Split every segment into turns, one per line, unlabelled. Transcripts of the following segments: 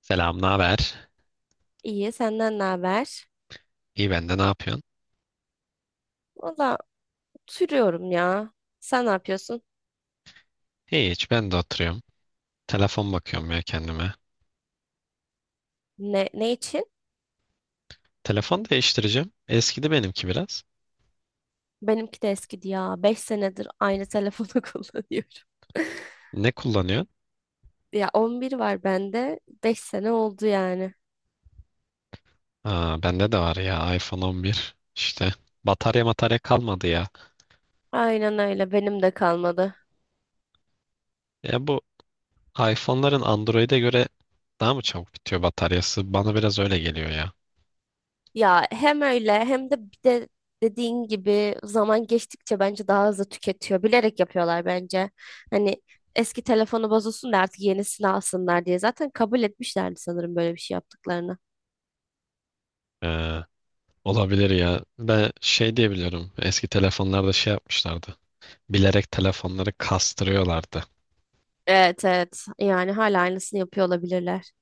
Selam, ne haber?
İyi, senden ne haber?
İyi ben de, ne yapıyorsun?
Valla, oturuyorum ya. Sen ne yapıyorsun?
Hiç ben de oturuyorum. Telefon bakıyorum ya kendime.
Ne için?
Telefon değiştireceğim. Eskidi benimki biraz.
Benimki de eskidi ya. 5 senedir aynı telefonu kullanıyorum.
Ne kullanıyorsun?
Ya 11 var bende. 5 sene oldu yani.
Aa, bende de var ya, iPhone 11. İşte batarya matarya kalmadı ya.
Aynen öyle. Benim de kalmadı.
Ya bu iPhone'ların Android'e göre daha mı çabuk bitiyor bataryası? Bana biraz öyle geliyor ya.
Ya hem öyle hem de bir de dediğin gibi zaman geçtikçe bence daha hızlı tüketiyor. Bilerek yapıyorlar bence. Hani eski telefonu bozulsun da artık yenisini alsınlar diye. Zaten kabul etmişlerdi sanırım böyle bir şey yaptıklarını.
Ee, Olabilir ya. Ben şey diyebiliyorum. Eski telefonlarda şey yapmışlardı. Bilerek telefonları kastırıyorlardı.
Evet evet, yani hala aynısını yapıyor olabilirler.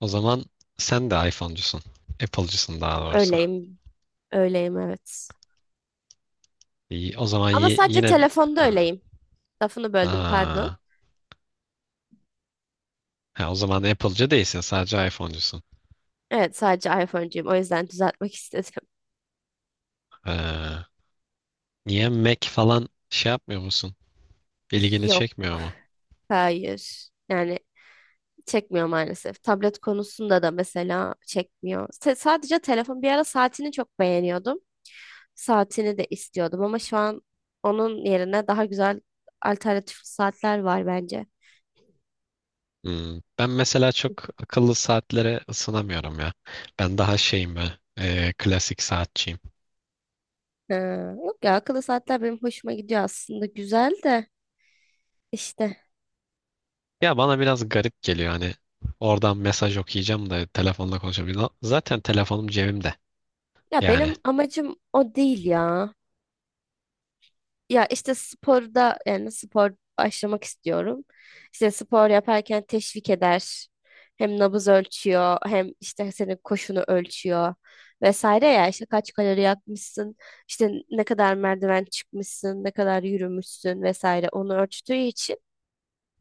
O zaman sen de iPhone'cusun. Apple'cısın daha doğrusu.
Öyleyim, öyleyim, evet.
İyi, o zaman
Ama sadece
yine... bir-
telefonda
Ha.
öyleyim. Lafını böldüm, pardon.
Ha. Ha, o zaman Apple'cı değilsin. Sadece iPhone'cusun.
Evet, sadece iPhone'cuyum, o yüzden düzeltmek istedim.
Ha. Niye Mac falan şey yapmıyor musun? İlgini
Yok,
çekmiyor mu?
hayır, yani çekmiyor maalesef. Tablet konusunda da mesela çekmiyor. Sadece telefon. Bir ara saatini çok beğeniyordum. Saatini de istiyordum ama şu an onun yerine daha güzel alternatif saatler var bence.
Hmm. Ben mesela çok akıllı saatlere ısınamıyorum ya. Ben daha şeyim ben. Klasik saatçiyim.
Ha, yok ya, akıllı saatler benim hoşuma gidiyor aslında, güzel de işte,
Ya bana biraz garip geliyor hani. Oradan mesaj okuyacağım da telefonla konuşabileceğim. Zaten telefonum cebimde.
ya
Yani.
benim amacım o değil ya. Ya işte sporda, yani spor başlamak istiyorum. İşte spor yaparken teşvik eder. Hem nabız ölçüyor, hem işte senin koşunu ölçüyor vesaire. Ya işte kaç kalori yakmışsın, işte ne kadar merdiven çıkmışsın, ne kadar yürümüşsün vesaire, onu ölçtüğü için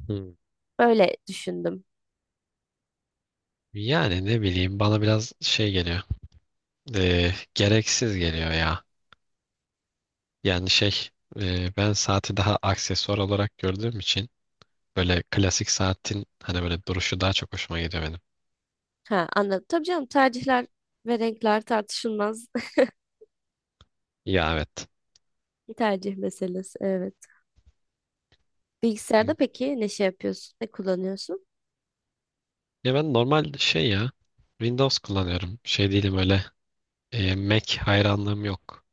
Hmm.
öyle düşündüm.
Yani ne bileyim bana biraz şey geliyor. Gereksiz geliyor ya. Yani şey, ben saati daha aksesuar olarak gördüğüm için böyle klasik saatin hani böyle duruşu daha çok hoşuma gidiyor benim.
Ha, anladım. Tabii canım, tercihler ve renkler tartışılmaz.
Ya evet.
Bir tercih meselesi. Evet. Bilgisayarda peki ne şey yapıyorsun? Ne kullanıyorsun?
Ya ben normal şey ya, Windows kullanıyorum. Şey değilim öyle, Mac hayranlığım yok.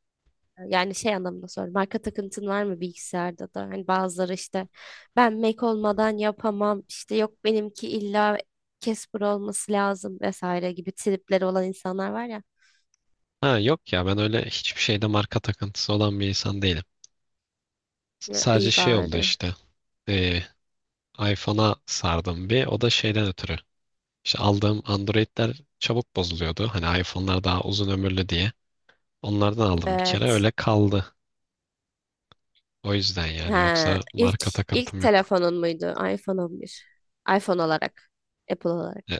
Yani şey anlamında soruyorum. Marka takıntın var mı bilgisayarda da? Hani bazıları işte, ben Mac olmadan yapamam, İşte yok benimki illa Casper olması lazım vesaire gibi tripleri olan insanlar var ya.
Ha yok ya, ben öyle hiçbir şeyde marka takıntısı olan bir insan değilim.
Ya, iyi
Sadece şey oldu
bari.
işte. E, iPhone'a sardım bir, o da şeyden ötürü. İşte aldığım Android'ler çabuk bozuluyordu. Hani iPhone'lar daha uzun ömürlü diye. Onlardan aldım bir kere,
Evet.
öyle kaldı. O yüzden yani,
Ha,
yoksa
ilk
marka
ilk
takıntım yok.
telefonun muydu? iPhone 11. iPhone olarak. Apple olarak.
E-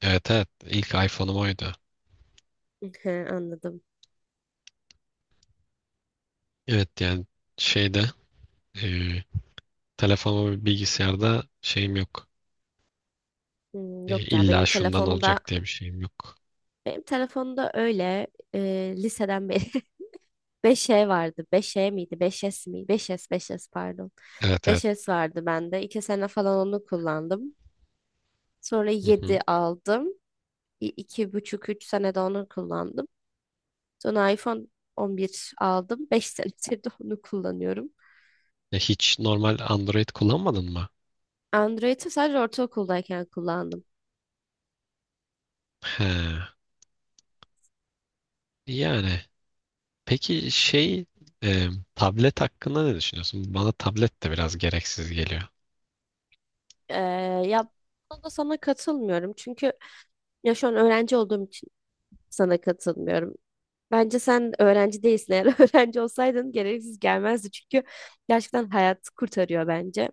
Evet, evet, ilk iPhone'um oydu.
Hı, anladım.
Evet yani, şeyde, e, telefonum ve bilgisayarda şeyim yok.
Hmm, yok ya,
İlla
benim
şundan
telefonda
olacak diye bir şeyim yok.
Öyle liseden beri 5E vardı. Beş e miydi? Beş s mi? 5S, 5S pardon.
Evet,
Beş
evet.
s vardı bende. 2 sene falan onu kullandım. Sonra
Hı hı.
7 aldım. İ- 2,5 3 sene de onu kullandım. Sonra iPhone 11 aldım. 5 senedir de onu kullanıyorum.
Hiç normal Android kullanmadın mı?
Android'i sadece ortaokuldayken kullandım.
He. Yani. Peki şey, e, tablet hakkında ne düşünüyorsun? Bana tablet de biraz gereksiz geliyor.
Ee, ya buna da sana katılmıyorum. Çünkü ya şu an öğrenci olduğum için sana katılmıyorum. Bence sen öğrenci değilsin. Eğer öğrenci olsaydın gereksiz gelmezdi. Çünkü gerçekten hayat kurtarıyor bence.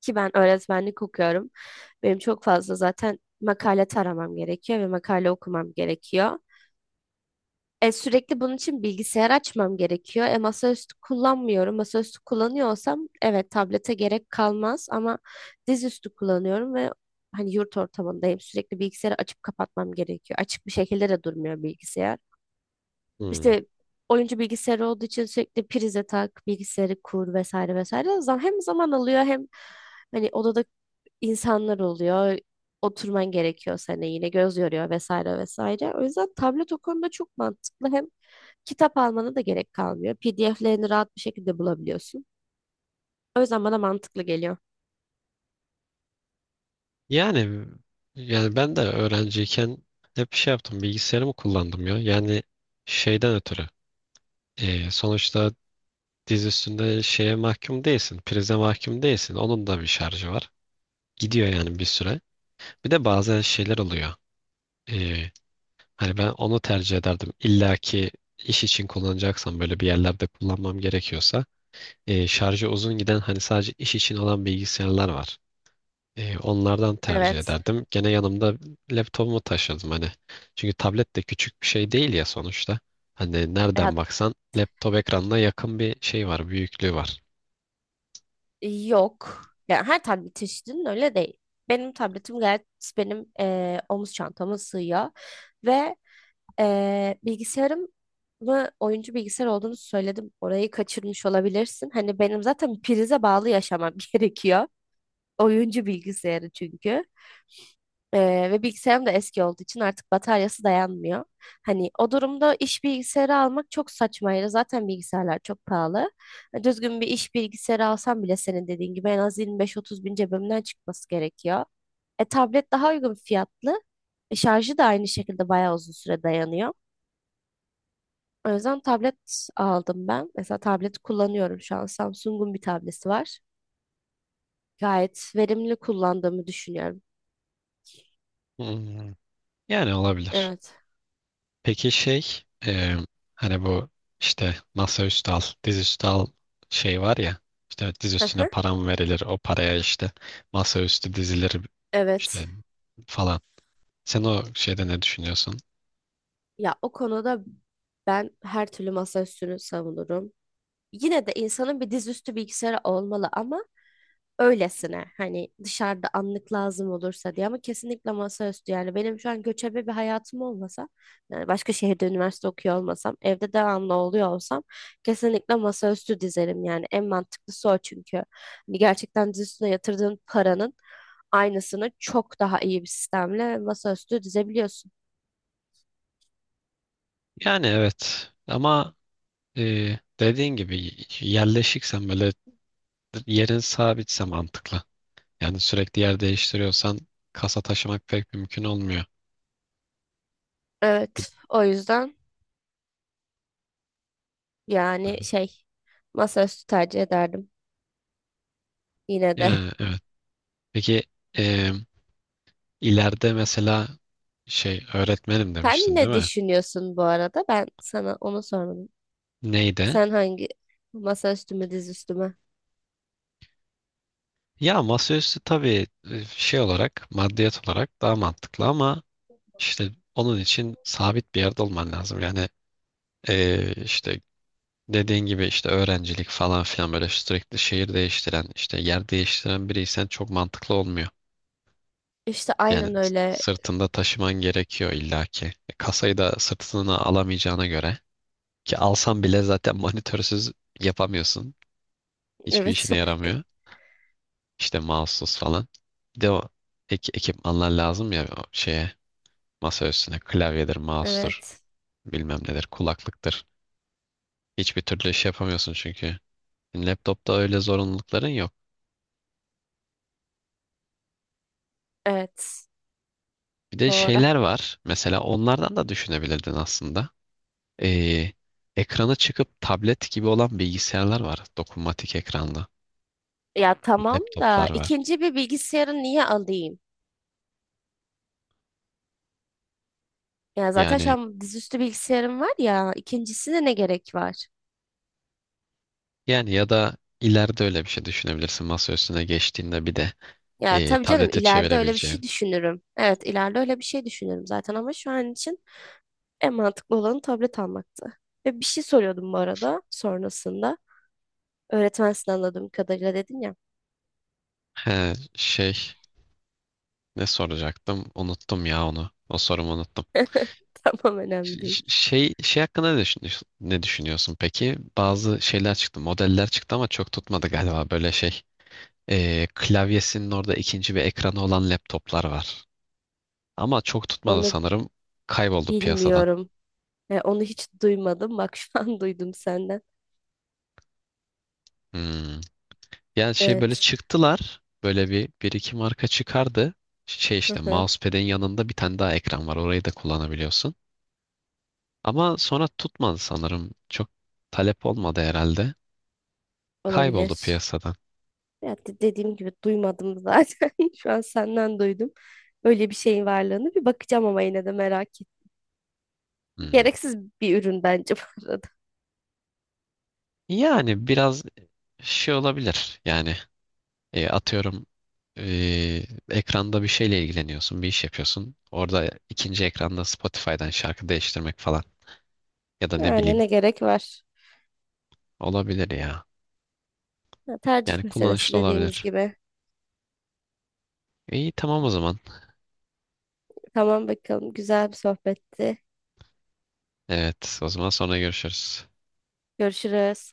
Ki ben öğretmenlik okuyorum. Benim çok fazla zaten makale taramam gerekiyor ve makale okumam gerekiyor. Sürekli bunun için bilgisayar açmam gerekiyor. Masaüstü kullanmıyorum. Masaüstü kullanıyor olsam evet, tablete gerek kalmaz, ama dizüstü kullanıyorum ve hani yurt ortamındayım. Sürekli bilgisayarı açıp kapatmam gerekiyor. Açık bir şekilde de durmuyor bilgisayar.
Hmm.
İşte oyuncu bilgisayarı olduğu için sürekli prize tak, bilgisayarı kur, vesaire vesaire. O zaman hem zaman alıyor, hem hani odada insanlar oluyor. Oturman gerekiyor, sana yine göz yoruyor vesaire vesaire. O yüzden tablet o konuda çok mantıklı. Hem kitap almana da gerek kalmıyor. PDF'lerini rahat bir şekilde bulabiliyorsun. O yüzden bana mantıklı geliyor.
Yani, yani ben de öğrenciyken hep şey yaptım, bilgisayarımı kullandım ya. Yani şeyden ötürü, sonuçta diz üstünde şeye mahkum değilsin. Prize mahkum değilsin. Onun da bir şarjı var. Gidiyor yani bir süre. Bir de bazen şeyler oluyor. E, Hani ben onu tercih ederdim. İlla ki iş için kullanacaksam, böyle bir yerlerde kullanmam gerekiyorsa, şarjı uzun giden, hani sadece iş için olan bilgisayarlar var. Onlardan tercih
Evet.
ederdim. Gene yanımda laptopumu taşırdım hani. Çünkü tablet de küçük bir şey değil ya sonuçta. Hani
Ya,
nereden baksan laptop ekranına yakın bir şey var, büyüklüğü var.
yok. Yani her tablet çeşidinin öyle değil. Benim tabletim gayet, benim omuz çantama sığıyor. Ve bilgisayarım mı oyuncu bilgisayar olduğunu söyledim. Orayı kaçırmış olabilirsin. Hani benim zaten prize bağlı yaşamam gerekiyor. Oyuncu bilgisayarı çünkü. Ve bilgisayarım da eski olduğu için artık bataryası dayanmıyor. Hani o durumda iş bilgisayarı almak çok saçmaydı. Zaten bilgisayarlar çok pahalı. Hani düzgün bir iş bilgisayarı alsam bile senin dediğin gibi en az 25-30 bin cebimden çıkması gerekiyor. Tablet daha uygun fiyatlı. Şarjı da aynı şekilde bayağı uzun süre dayanıyor. O yüzden tablet aldım ben. Mesela tablet kullanıyorum şu an. Samsung'un bir tableti var. Gayet verimli kullandığımı düşünüyorum.
Hmm, yani olabilir.
Evet.
Peki şey, hani bu işte masaüstü al, dizüstü al şey var ya. İşte diz
Hı
üstüne
hı.
param verilir, o paraya işte masaüstü dizilir,
Evet.
işte falan. Sen o şeyde ne düşünüyorsun?
Ya, o konuda ben her türlü masaüstünü savunurum. Yine de insanın bir dizüstü bilgisayarı olmalı, ama öylesine, hani dışarıda anlık lazım olursa diye, ama kesinlikle masaüstü. Yani benim şu an göçebe bir hayatım olmasa, yani başka şehirde üniversite okuyor olmasam, evde devamlı oluyor olsam, kesinlikle masaüstü dizerim. Yani en mantıklısı o, çünkü hani gerçekten diz üstüne yatırdığın paranın aynısını çok daha iyi bir sistemle masaüstü dizebiliyorsun.
Yani evet, ama dediğin gibi, yerleşiksen böyle, yerin sabitse mantıklı. Yani sürekli yer değiştiriyorsan kasa taşımak pek mümkün olmuyor.
Evet, o yüzden yani şey, masaüstü tercih ederdim yine de.
Yani evet. Peki, e, ileride mesela şey, öğretmenim
Sen
demiştin değil
ne
mi?
düşünüyorsun bu arada? Ben sana onu sormadım.
Neydi?
Sen hangi, masa üstüme, diz üstüme?
Ya masaüstü tabii, şey olarak, maddiyat olarak daha mantıklı ama işte onun için sabit bir yerde olman lazım. Yani, işte dediğin gibi, işte öğrencilik falan filan, böyle sürekli şehir değiştiren, işte yer değiştiren biriysen çok mantıklı olmuyor.
İşte
Yani
aynen öyle.
sırtında taşıman gerekiyor illaki. Kasayı da sırtına alamayacağına göre, ki alsan bile zaten monitörsüz yapamıyorsun. Hiçbir
Evet.
işine yaramıyor. İşte mouse'suz falan. Bir de o ekipmanlar lazım ya o şeye, masa üstüne: klavyedir, mouse'tur,
Evet.
bilmem nedir, kulaklıktır. Hiçbir türlü iş yapamıyorsun çünkü. Laptopta öyle zorunlulukların yok.
Evet.
Bir de
Doğru.
şeyler var. Mesela onlardan da düşünebilirdin aslında. Ee, Ekranı çıkıp tablet gibi olan bilgisayarlar var. Dokunmatik ekranlı.
Ya tamam da
Laptoplar var.
ikinci bir bilgisayarı niye alayım? Ya zaten şu
Yani,
an dizüstü bilgisayarım var ya, ikincisine ne gerek var?
yani ya da ileride öyle bir şey düşünebilirsin. Masa üstüne geçtiğinde bir de
Ya tabii canım,
tablete
ileride öyle bir
çevirebileceğin.
şey düşünürüm. Evet, ileride öyle bir şey düşünürüm zaten, ama şu an için en mantıklı olanı tablet almaktı. Ve bir şey soruyordum bu arada sonrasında. Öğretmensin, anladığım kadarıyla, dedin ya.
He, şey, ne soracaktım? Unuttum ya onu. O sorumu unuttum.
Tamam, önemli değil.
Şey, şey hakkında ne düşünüyorsun, ne düşünüyorsun peki? Bazı şeyler çıktı, modeller çıktı ama çok tutmadı galiba böyle şey. Klavyesinin orada ikinci bir ekranı olan laptoplar var. Ama çok tutmadı
Onu
sanırım. Kayboldu piyasadan.
bilmiyorum. Onu hiç duymadım. Bak şu an duydum senden.
Hmm. Yani şey, böyle
Evet.
çıktılar. Böyle bir iki marka çıkardı. Şey
Hı
işte,
hı.
mousepad'in yanında bir tane daha ekran var. Orayı da kullanabiliyorsun. Ama sonra tutmadı sanırım. Çok talep olmadı herhalde. Kayboldu
Olabilir.
piyasadan.
Ya dediğim gibi duymadım zaten. Şu an senden duydum. Öyle bir şeyin varlığını bir bakacağım ama yine de merak ettim.
Hmm.
Gereksiz bir ürün bence bu arada.
Yani biraz şey olabilir. Yani, atıyorum, e, ekranda bir şeyle ilgileniyorsun, bir iş yapıyorsun. Orada ikinci ekranda Spotify'dan şarkı değiştirmek falan, ya da ne
Yani
bileyim,
ne gerek var?
olabilir ya.
Ya, tercih
Yani
meselesi
kullanışlı
dediğimiz
olabilir.
gibi.
İyi, tamam o zaman.
Tamam, bakalım. Güzel bir sohbetti.
Evet, o zaman sonra görüşürüz.
Görüşürüz.